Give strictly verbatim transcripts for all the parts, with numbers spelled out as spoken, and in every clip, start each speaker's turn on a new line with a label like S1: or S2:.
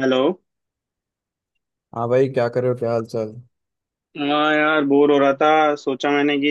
S1: Hello.
S2: हाँ भाई, क्या कर रहे हो? क्या हाल चाल?
S1: हाँ यार, बोर हो रहा था। सोचा मैंने कि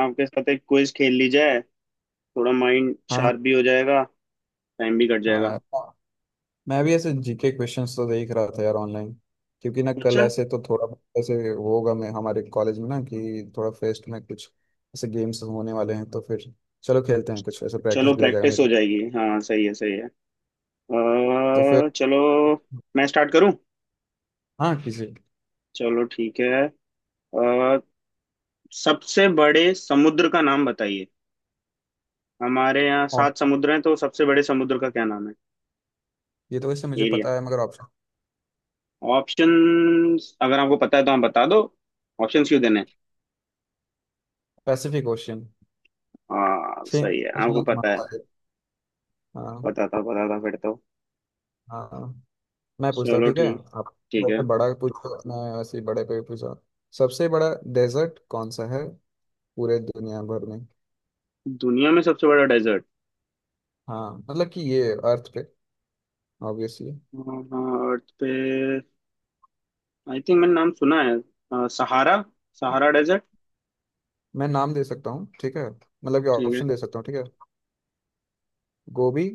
S1: आपके साथ एक क्विज खेल ली जाए। थोड़ा माइंड
S2: हाँ,
S1: शार्प भी हो जाएगा। टाइम भी कट
S2: हाँ
S1: जाएगा।
S2: यार हाँ। मैं भी ऐसे जीके क्वेश्चंस तो देख रहा था यार ऑनलाइन, क्योंकि ना कल
S1: अच्छा।
S2: ऐसे तो थोड़ा बहुत ऐसे होगा मैं हमारे कॉलेज में ना कि थोड़ा फेस्ट में कुछ ऐसे गेम्स होने वाले हैं। तो फिर चलो खेलते हैं, कुछ ऐसे
S1: चलो
S2: प्रैक्टिस भी हो जाएगा
S1: प्रैक्टिस हो
S2: मेरा।
S1: जाएगी। हाँ सही है, सही है
S2: तो
S1: अ,
S2: फिर
S1: चलो मैं स्टार्ट करूं।
S2: हाँ, किसी
S1: चलो ठीक है। अ, सबसे बड़े समुद्र का नाम बताइए। हमारे यहाँ
S2: और,
S1: सात समुद्र हैं, तो सबसे बड़े समुद्र का क्या नाम है?
S2: ये तो वैसे मुझे
S1: एरिया।
S2: पता है मगर ऑप्शन।
S1: ऑप्शंस अगर आपको पता है तो आप बता दो। ऑप्शंस क्यों देने हैं?
S2: Pacific ocean.
S1: हाँ
S2: ठीक।
S1: सही है, आपको
S2: सुनो, तुम्हारे
S1: पता है।
S2: पास है। हाँ।
S1: पता था, पता था फिर तो।
S2: हाँ, मैं पूछता हूँ
S1: चलो
S2: ठीक है
S1: ठीक।
S2: आप।
S1: ठीक
S2: बहुत
S1: है।
S2: बड़ा पूछो, मैं वैसे ही बड़े पे पूछा। सबसे बड़ा डेजर्ट कौन सा है पूरे दुनिया भर में?
S1: दुनिया में सबसे बड़ा डेजर्ट।
S2: हाँ, मतलब कि ये अर्थ पे, ऑब्वियसली।
S1: हाँ, अर्थ पे। आई थिंक मैंने नाम सुना है। अ, सहारा। Sahara desert.
S2: मैं नाम दे सकता हूँ, ठीक है, मतलब कि
S1: ठीक है।
S2: ऑप्शन दे सकता हूँ, ठीक है। गोभी।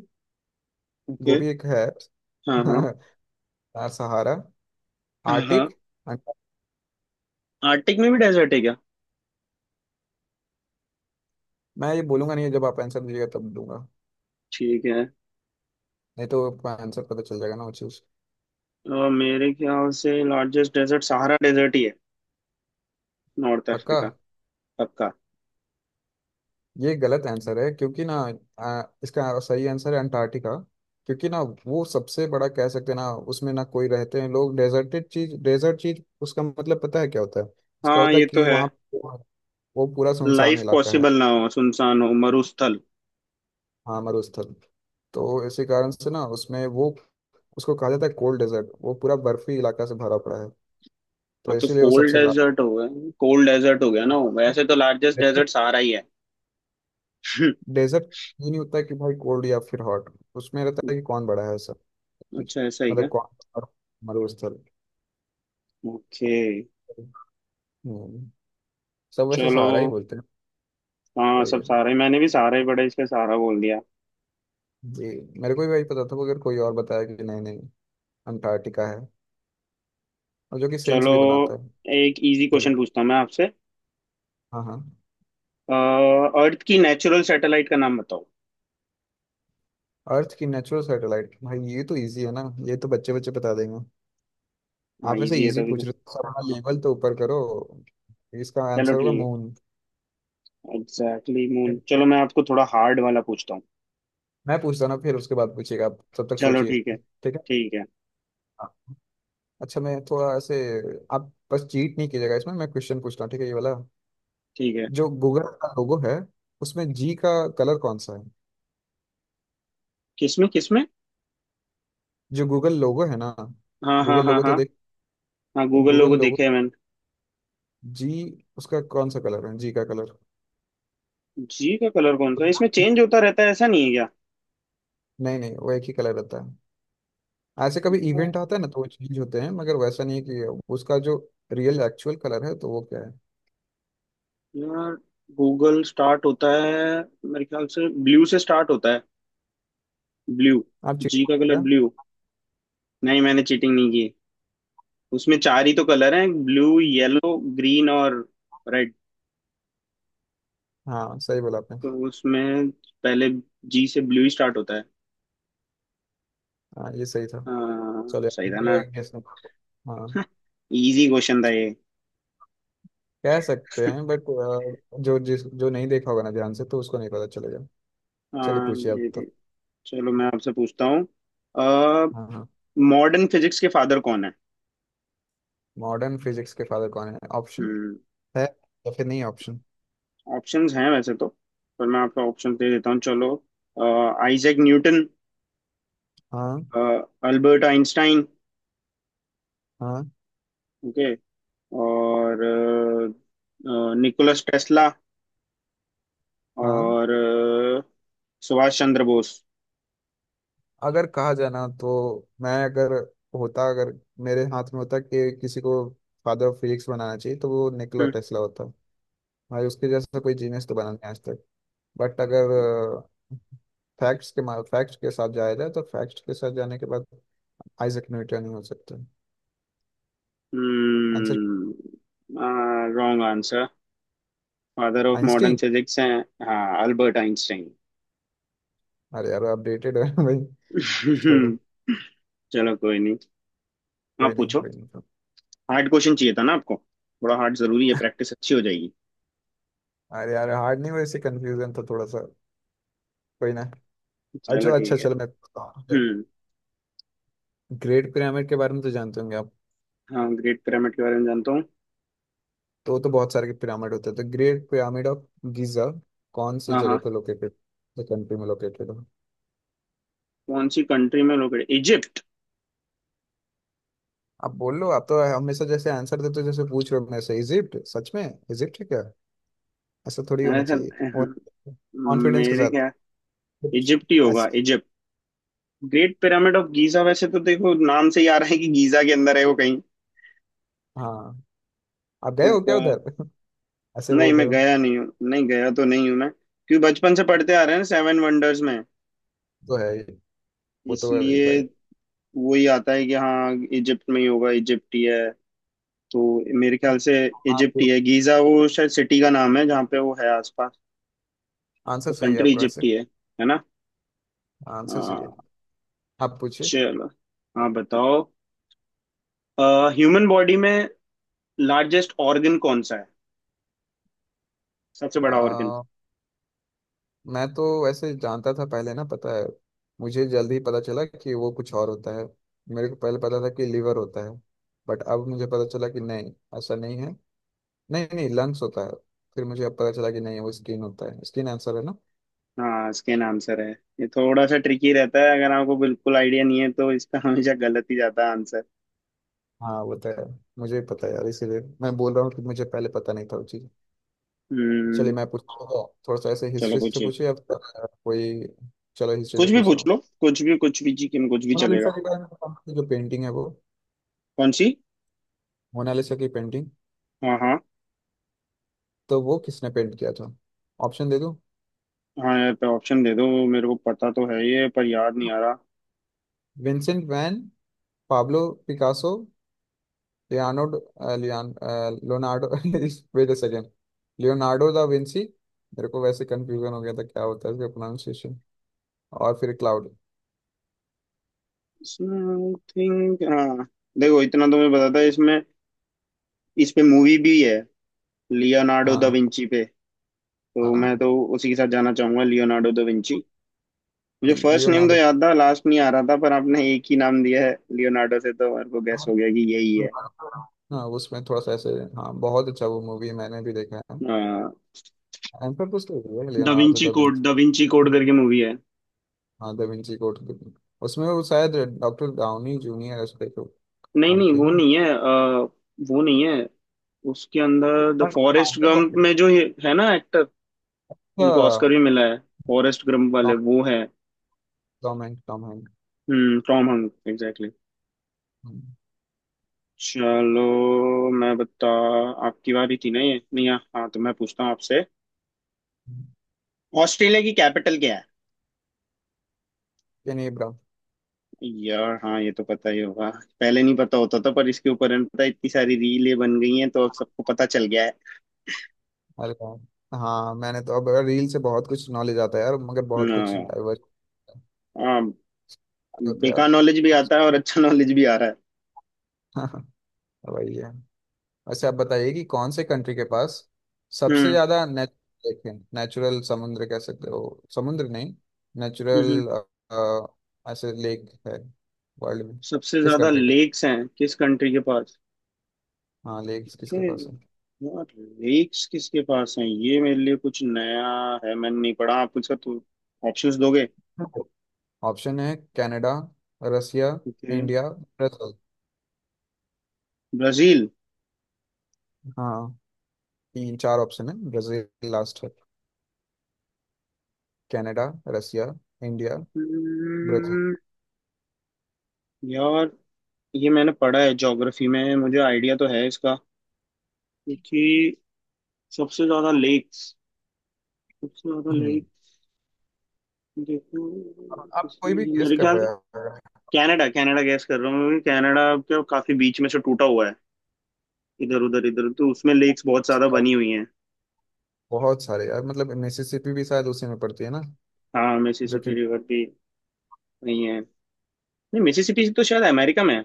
S1: ओके।
S2: गोभी एक है।
S1: हाँ हाँ
S2: यार, सहारा,
S1: हाँ हाँ।
S2: आर्टिक, अंटा-,
S1: आर्टिक में भी डेजर्ट है क्या?
S2: मैं ये बोलूंगा नहीं, जब आप आंसर दीजिएगा तब दूंगा।
S1: ठीक है।
S2: नहीं तो आपको आंसर पता चल जाएगा ना वो चीज।
S1: अ, मेरे ख्याल से लार्जेस्ट डेजर्ट सहारा डेजर्ट ही है। नॉर्थ
S2: पक्का।
S1: अफ्रीका। पक्का।
S2: ये गलत आंसर है, क्योंकि ना, आ, इसका सही आंसर है अंटार्कटिका। क्योंकि ना, वो सबसे बड़ा कह सकते हैं ना, उसमें ना कोई रहते हैं लोग। डेजर्टेड चीज, डेजर्ट चीज, उसका मतलब पता है क्या होता है? उसका
S1: हाँ
S2: होता है
S1: ये तो
S2: कि
S1: है।
S2: वहाँ वो पूरा सुनसान
S1: लाइफ
S2: इलाका है।
S1: पॉसिबल ना हो, सुनसान हो, मरुस्थल।
S2: हाँ, मरुस्थल। तो इसी कारण से ना उसमें वो, उसको कहा जाता है कोल्ड डेजर्ट। वो पूरा बर्फी इलाका से भरा पड़ा है। तो
S1: हाँ तो
S2: इसीलिए वो
S1: कोल्ड
S2: सबसे ला,
S1: डेजर्ट हो गया। कोल्ड डेजर्ट हो गया ना वो। वैसे तो लार्जेस्ट डेजर्ट सहारा ही है।
S2: डेजर्ट ये नहीं होता कि भाई कोल्ड या फिर हॉट। उसमें रहता है कि कौन बड़ा है सब चीज,
S1: अच्छा ऐसा ही क्या।
S2: मतलब कौन और मरुस्थल।
S1: ओके।
S2: हम्म, सब वैसे
S1: चलो।
S2: सहारा ही बोलते हैं।
S1: हाँ
S2: वही
S1: सब
S2: है
S1: सारे, मैंने भी सारे बड़े, इसलिए सारा बोल दिया।
S2: जी, मेरे को भी वही पता था, मगर कोई और बताया कि नहीं नहीं, अंटार्कटिका है। और जो कि सेंस
S1: चलो
S2: भी बनाता है।
S1: एक इजी
S2: चलिए।
S1: क्वेश्चन पूछता हूँ मैं आपसे।
S2: हाँ हाँ।
S1: अर्थ की नेचुरल सैटेलाइट का नाम बताओ।
S2: अर्थ की नेचुरल सैटेलाइट, भाई ये तो इजी है ना। ये तो बच्चे बच्चे बता देंगे।
S1: हाँ
S2: आप ऐसे
S1: इजी है
S2: इजी
S1: तभी तो।
S2: पूछ रहे हो सर, अपना लेवल तो ऊपर करो। इसका
S1: चलो
S2: आंसर होगा
S1: ठीक
S2: मून।
S1: है, एग्जैक्टली मून। चलो मैं आपको थोड़ा हार्ड वाला पूछता हूँ।
S2: मैं पूछता हूँ ना, फिर उसके बाद पूछिएगा आप, तब तक
S1: चलो
S2: सोचिए
S1: ठीक है।
S2: ठीक है।
S1: ठीक है।
S2: हाँ। अच्छा, मैं थोड़ा ऐसे, आप बस चीट नहीं कीजिएगा इसमें, मैं क्वेश्चन पूछता हूँ ठीक है ये वाला।
S1: ठीक है।
S2: जो गूगल का लोगो है, उसमें जी का कलर कौन सा है?
S1: किसमें किसमें?
S2: जो गूगल लोगो है ना,
S1: हाँ हाँ
S2: गूगल
S1: हाँ
S2: लोगो तो
S1: हाँ।
S2: देख,
S1: हाँ गूगल
S2: गूगल
S1: लोगो
S2: लोगो,
S1: देखे हैं मैंने।
S2: जी, उसका कौन सा कलर है, जी का कलर।
S1: जी का कलर कौन सा है? इसमें चेंज होता रहता है, ऐसा नहीं है
S2: नहीं नहीं, वो एक ही कलर रहता है। ऐसे कभी
S1: क्या?
S2: इवेंट आता है ना तो वो चेंज होते हैं, मगर वैसा नहीं कि। उसका जो रियल एक्चुअल कलर है तो वो क्या है?
S1: यार गूगल स्टार्ट होता है, मेरे ख्याल से ब्लू से स्टार्ट होता है। ब्लू।
S2: आप
S1: जी
S2: चीटिंग
S1: का कलर
S2: क्या।
S1: ब्लू। नहीं, मैंने चीटिंग नहीं की। उसमें चार ही तो कलर हैं, ब्लू, येलो, ग्रीन और रेड।
S2: हाँ, सही बोला आपने।
S1: तो उसमें पहले जी से ब्लू ही स्टार्ट होता है।
S2: हाँ, ये सही था।
S1: हाँ,
S2: चलो।
S1: सही था ना।
S2: गेस। हाँ।
S1: इजी क्वेश्चन था ये।
S2: कह सकते हैं बट, जो जिस जो नहीं देखा होगा ना ध्यान से, तो उसको नहीं पता चलेगा। चलिए
S1: हाँ
S2: पूछिए आप
S1: ये भी।
S2: तो।
S1: चलो मैं आपसे पूछता हूँ।
S2: हाँ हाँ।
S1: मॉडर्न फिजिक्स के फादर कौन है?
S2: मॉडर्न फिजिक्स के फादर कौन है? Option
S1: hmm.
S2: है, या फिर नहीं ऑप्शन?
S1: ऑप्शंस हैं वैसे तो, पर मैं आपको ऑप्शन दे देता हूँ, चलो। Isaac Newton.
S2: हाँ।
S1: Albert Einstein.
S2: हाँ।
S1: ओके। और निकोलस टेस्ला।
S2: हाँ।
S1: और अ, सुभाष चंद्र बोस।
S2: अगर कहा जाए ना तो, मैं अगर होता, अगर मेरे हाथ में होता कि किसी को फादर ऑफ फिजिक्स बनाना चाहिए तो वो निकोला टेस्ला होता। भाई उसके जैसा कोई जीनियस तो बना नहीं आज तक। बट अगर फैक्ट्स के, फैक्ट्स के साथ जाया जाए तो फैक्ट्स के साथ जाने के बाद आइजक न्यूटन ही हो सकते हैं answer.
S1: Hmm. Wrong answer. Father of modern
S2: Einstein?
S1: Physics हैं हाँ अल्बर्ट आइंस्टाइन।
S2: अरे यार, अपडेटेड है भाई। छोड़ो।
S1: चलो कोई नहीं। हाँ
S2: कोई नहीं
S1: पूछो।
S2: कोई नहीं
S1: हार्ड क्वेश्चन चाहिए था ना आपको। थोड़ा हार्ड जरूरी है, प्रैक्टिस अच्छी हो जाएगी।
S2: अरे यार, हार्ड नहीं, वैसे कंफ्यूजन था थोड़ा सा। कोई ना।
S1: चलो
S2: अच्छा अच्छा,
S1: ठीक है।
S2: चलो मैं।
S1: हम्म।
S2: ग्रेट पिरामिड के बारे में तो जानते होंगे आप।
S1: हाँ ग्रेट पिरामिड के बारे में जानता हूँ।
S2: तो तो बहुत सारे पिरामिड होते हैं, तो ग्रेट पिरामिड ऑफ गीजा कौन सी
S1: हाँ
S2: जगह
S1: हाँ।
S2: पे लोकेटेड, कंट्री में लोकेटेड हो?
S1: कौन सी कंट्री में लोकेटेड? इजिप्ट।
S2: आप बोल लो, आप तो हमेशा जैसे आंसर देते हो जैसे पूछ रहे हो। मैं से इजिप्ट, सच में इजिप्ट है क्या? ऐसा थोड़ी होना
S1: सर
S2: चाहिए, कॉन्फिडेंस के
S1: मेरे
S2: साथ
S1: क्या।
S2: कुछ
S1: इजिप्ट ही होगा,
S2: ऐसा।
S1: Egypt. Great pyramid of Giza, वैसे तो देखो नाम से ही आ रहा है कि गीजा के अंदर है वो कहीं।
S2: हाँ। आप गए
S1: तो
S2: हो क्या
S1: पर
S2: उधर ऐसे
S1: नहीं
S2: बोल रहे
S1: मैं
S2: हो।
S1: गया नहीं हूँ, नहीं गया तो नहीं हूँ मैं, क्योंकि बचपन से पढ़ते आ रहे हैं सेवन वंडर्स में।
S2: तो है ही, वो तो है ही
S1: इसलिए
S2: भाई।
S1: वही आता है कि हाँ इजिप्ट में ही होगा, इजिप्ट ही है। तो मेरे ख्याल से
S2: हाँ
S1: इजिप्ट ही
S2: तो,
S1: है। गीजा वो शायद सिटी का नाम है जहाँ पे वो है आसपास।
S2: आंसर
S1: तो
S2: सही है
S1: कंट्री
S2: आपका
S1: इजिप्ट
S2: वैसे।
S1: ही है है ना।
S2: आंसर सही है।
S1: हाँ।
S2: आप पूछिए।
S1: चलो। हाँ बताओ। ह्यूमन बॉडी में लार्जेस्ट ऑर्गन कौन सा है? सबसे बड़ा ऑर्गन।
S2: मैं तो वैसे जानता था पहले ना, पता है, मुझे जल्दी पता चला कि वो कुछ और होता है। मेरे को पहले पता था कि लिवर होता है। बट अब मुझे पता चला कि नहीं, ऐसा नहीं है। नहीं नहीं, लंग्स होता है। फिर मुझे अब पता चला कि नहीं, वो स्किन होता है। स्किन आंसर है ना।
S1: हाँ स्किन आंसर है। ये थोड़ा सा ट्रिकी रहता है, अगर आपको बिल्कुल आइडिया नहीं है तो इसका हमेशा गलत ही जाता है आंसर।
S2: हाँ, वो तो है। मुझे भी पता है यार, इसीलिए मैं बोल रहा हूँ कि मुझे पहले पता नहीं था वो चीज़। चलिए,
S1: हम्म।
S2: मैं पूछता हूँ थोड़ा सा ऐसे।
S1: चलो
S2: हिस्ट्री से
S1: पूछिए।
S2: पूछिए अब कोई। चलो, हिस्ट्री से
S1: कुछ भी
S2: पूछता
S1: पूछ
S2: हूँ।
S1: लो, कुछ भी, कुछ भी जी, कुछ भी चलेगा।
S2: मोनालिसा के बारे में बताओ, जो पेंटिंग है वो।
S1: कौन सी?
S2: मोनालिसा की पेंटिंग,
S1: हाँ हाँ।
S2: तो वो किसने पेंट किया था? ऑप्शन दे दूं?
S1: हाँ यार पे ऑप्शन दे दो, मेरे को पता तो है ये पर याद नहीं आ रहा।
S2: विंसेंट वैन, पाब्लो पिकासो, लियानो, लियान, Leonardo, wait a second, Leonardo da Vinci. मेरे को वैसे कंफ्यूजन हो गया था क्या होता है इसका प्रोनाउंसिएशन। और फिर क्लाउड।
S1: समथिंग हाँ। देखो इतना तो मैं बताता इसमें। इस पे मूवी भी है लियोनार्डो दा
S2: हाँ।
S1: विंची पे। तो
S2: हाँ,
S1: मैं तो उसी के साथ जाना चाहूंगा, लियोनार्डो दा विंची। मुझे फर्स्ट नेम तो
S2: लियोनार्डो।
S1: याद था, लास्ट नहीं आ रहा था, पर आपने एक ही नाम दिया है लियोनार्डो, से तो मेरे को गैस
S2: हाँ,
S1: हो गया कि यही है।
S2: उसमें थोड़ा सा ऐसे। हाँ, बहुत अच्छा वो मूवी है, मैंने भी देखा है। आंसर तो सही है,
S1: da
S2: Leonardo
S1: Vinci
S2: da
S1: code,
S2: Vinci.
S1: Da Vinci code करके मूवी है।
S2: हाँ, दा विंची कोड। उसमें वो शायद डॉक्टर डाउनी जूनियर ऐसे करके
S1: नहीं
S2: नाम
S1: नहीं
S2: किए
S1: वो
S2: ना।
S1: नहीं है। अ, वो नहीं है। उसके अंदर the
S2: Bueno, vamos
S1: Forrest Gump में जो ये है ना एक्टर, उनको ऑस्कर
S2: a-,
S1: भी मिला है, फॉरेस्ट गंप वाले
S2: टॉम,
S1: वो है।
S2: Tom Hank Tom Hank
S1: hmm Tom Hank exactly. चलो मैं बता, आपकी बारी थी ना ये नहीं। हाँ हाँ, तो मैं पूछता हूँ आपसे। ऑस्ट्रेलिया की कैपिटल क्या है?
S2: केन इब्राहिम।
S1: यार हाँ ये तो पता ही होगा। पहले नहीं पता होता था पर इसके ऊपर है ना, पता है, इतनी सारी रीलें बन गई हैं तो अब सबको पता चल गया है।
S2: अरे यार। हाँ, मैंने तो अब रील से बहुत कुछ नॉलेज आता है यार, मगर बहुत कुछ
S1: न,
S2: डाइवर्स
S1: आ,
S2: होता है यार।
S1: बेकार नॉलेज भी आता है और अच्छा नॉलेज भी आ रहा है।
S2: हाँ, वही है। वैसे आप बताइए कि कौन से कंट्री के पास सबसे
S1: हम्म
S2: ज्यादा नेचुरल लेक है, नेचुरल समुद्र कह सकते हो, समुद्र नहीं,
S1: हम्म
S2: नेचुरल
S1: हम्म।
S2: ऐसे लेक है वर्ल्ड में?
S1: सबसे
S2: किस
S1: ज्यादा
S2: कंट्री के,
S1: लेक्स हैं किस कंट्री के पास?
S2: हाँ, लेक्स किसके
S1: ये-
S2: पास
S1: यार लेक्स किसके पास हैं, ये मेरे लिए कुछ नया है, मैंने नहीं पढ़ा। आप कुछ तो ऑप्शंस दोगे।
S2: है? ऑप्शन है, Canada, Russia,
S1: okay.
S2: India, Brazil.
S1: Brazil.
S2: हाँ, तीन चार ऑप्शन है, ब्राजील लास्ट है। Canada, Russia, India, Brazil.
S1: Hmm, यार ये मैंने पढ़ा है ज्योग्राफी में, मुझे आइडिया तो है इसका। क्योंकि सबसे ज्यादा लेक्स, सबसे ज्यादा
S2: हम्म।
S1: लेक,
S2: आप
S1: देखो
S2: आप कोई
S1: इसमें
S2: भी
S1: ये
S2: गेस
S1: मेरे
S2: कर
S1: ख्याल से
S2: रहे
S1: कनाडा। कनाडा गैस कर रहा हूँ क्योंकि कनाडा के काफी बीच में से टूटा हुआ है, इधर उधर इधर, तो उसमें लेक्स बहुत ज्यादा
S2: हैं।
S1: बनी हुई हैं।
S2: बहुत सारे यार, मतलब मिसिसिपी भी शायद उसी में पड़ती है ना,
S1: हाँ
S2: जो कि।
S1: मिसिसिपी रिवर भी वही है। नहीं मिसिसिपी तो शायद अमेरिका में है।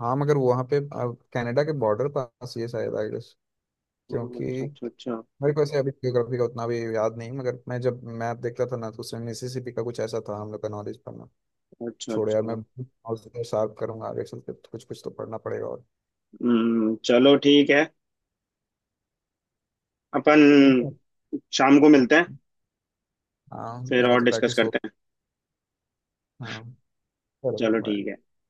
S2: हाँ, मगर वहाँ पे अब कनाडा के बॉर्डर पास ये शायद आई गेस।
S1: ओह,
S2: क्योंकि
S1: अच्छा अच्छा अच्छा।
S2: मेरे को ऐसे अभी ज्योग्राफी का उतना भी याद नहीं, मगर मैं जब मैप देखता था ना तो उसमें मिसिसिपी का कुछ ऐसा था हम लोग का नॉलेज।
S1: अच्छा
S2: छोड़ यार,
S1: अच्छा।
S2: मैं नॉलेज को शार्प करूंगा आगे चल के, तो कुछ कुछ तो पढ़ना पड़ेगा और।
S1: हम्म चलो ठीक है। अपन
S2: ठीक है।
S1: शाम को
S2: हाँ,
S1: मिलते हैं,
S2: हाँ
S1: फिर
S2: मेरा
S1: और
S2: तो
S1: डिस्कस
S2: प्रैक्टिस हो।
S1: करते हैं।
S2: हाँ, चलो
S1: चलो ठीक है।
S2: bye।
S1: बाय।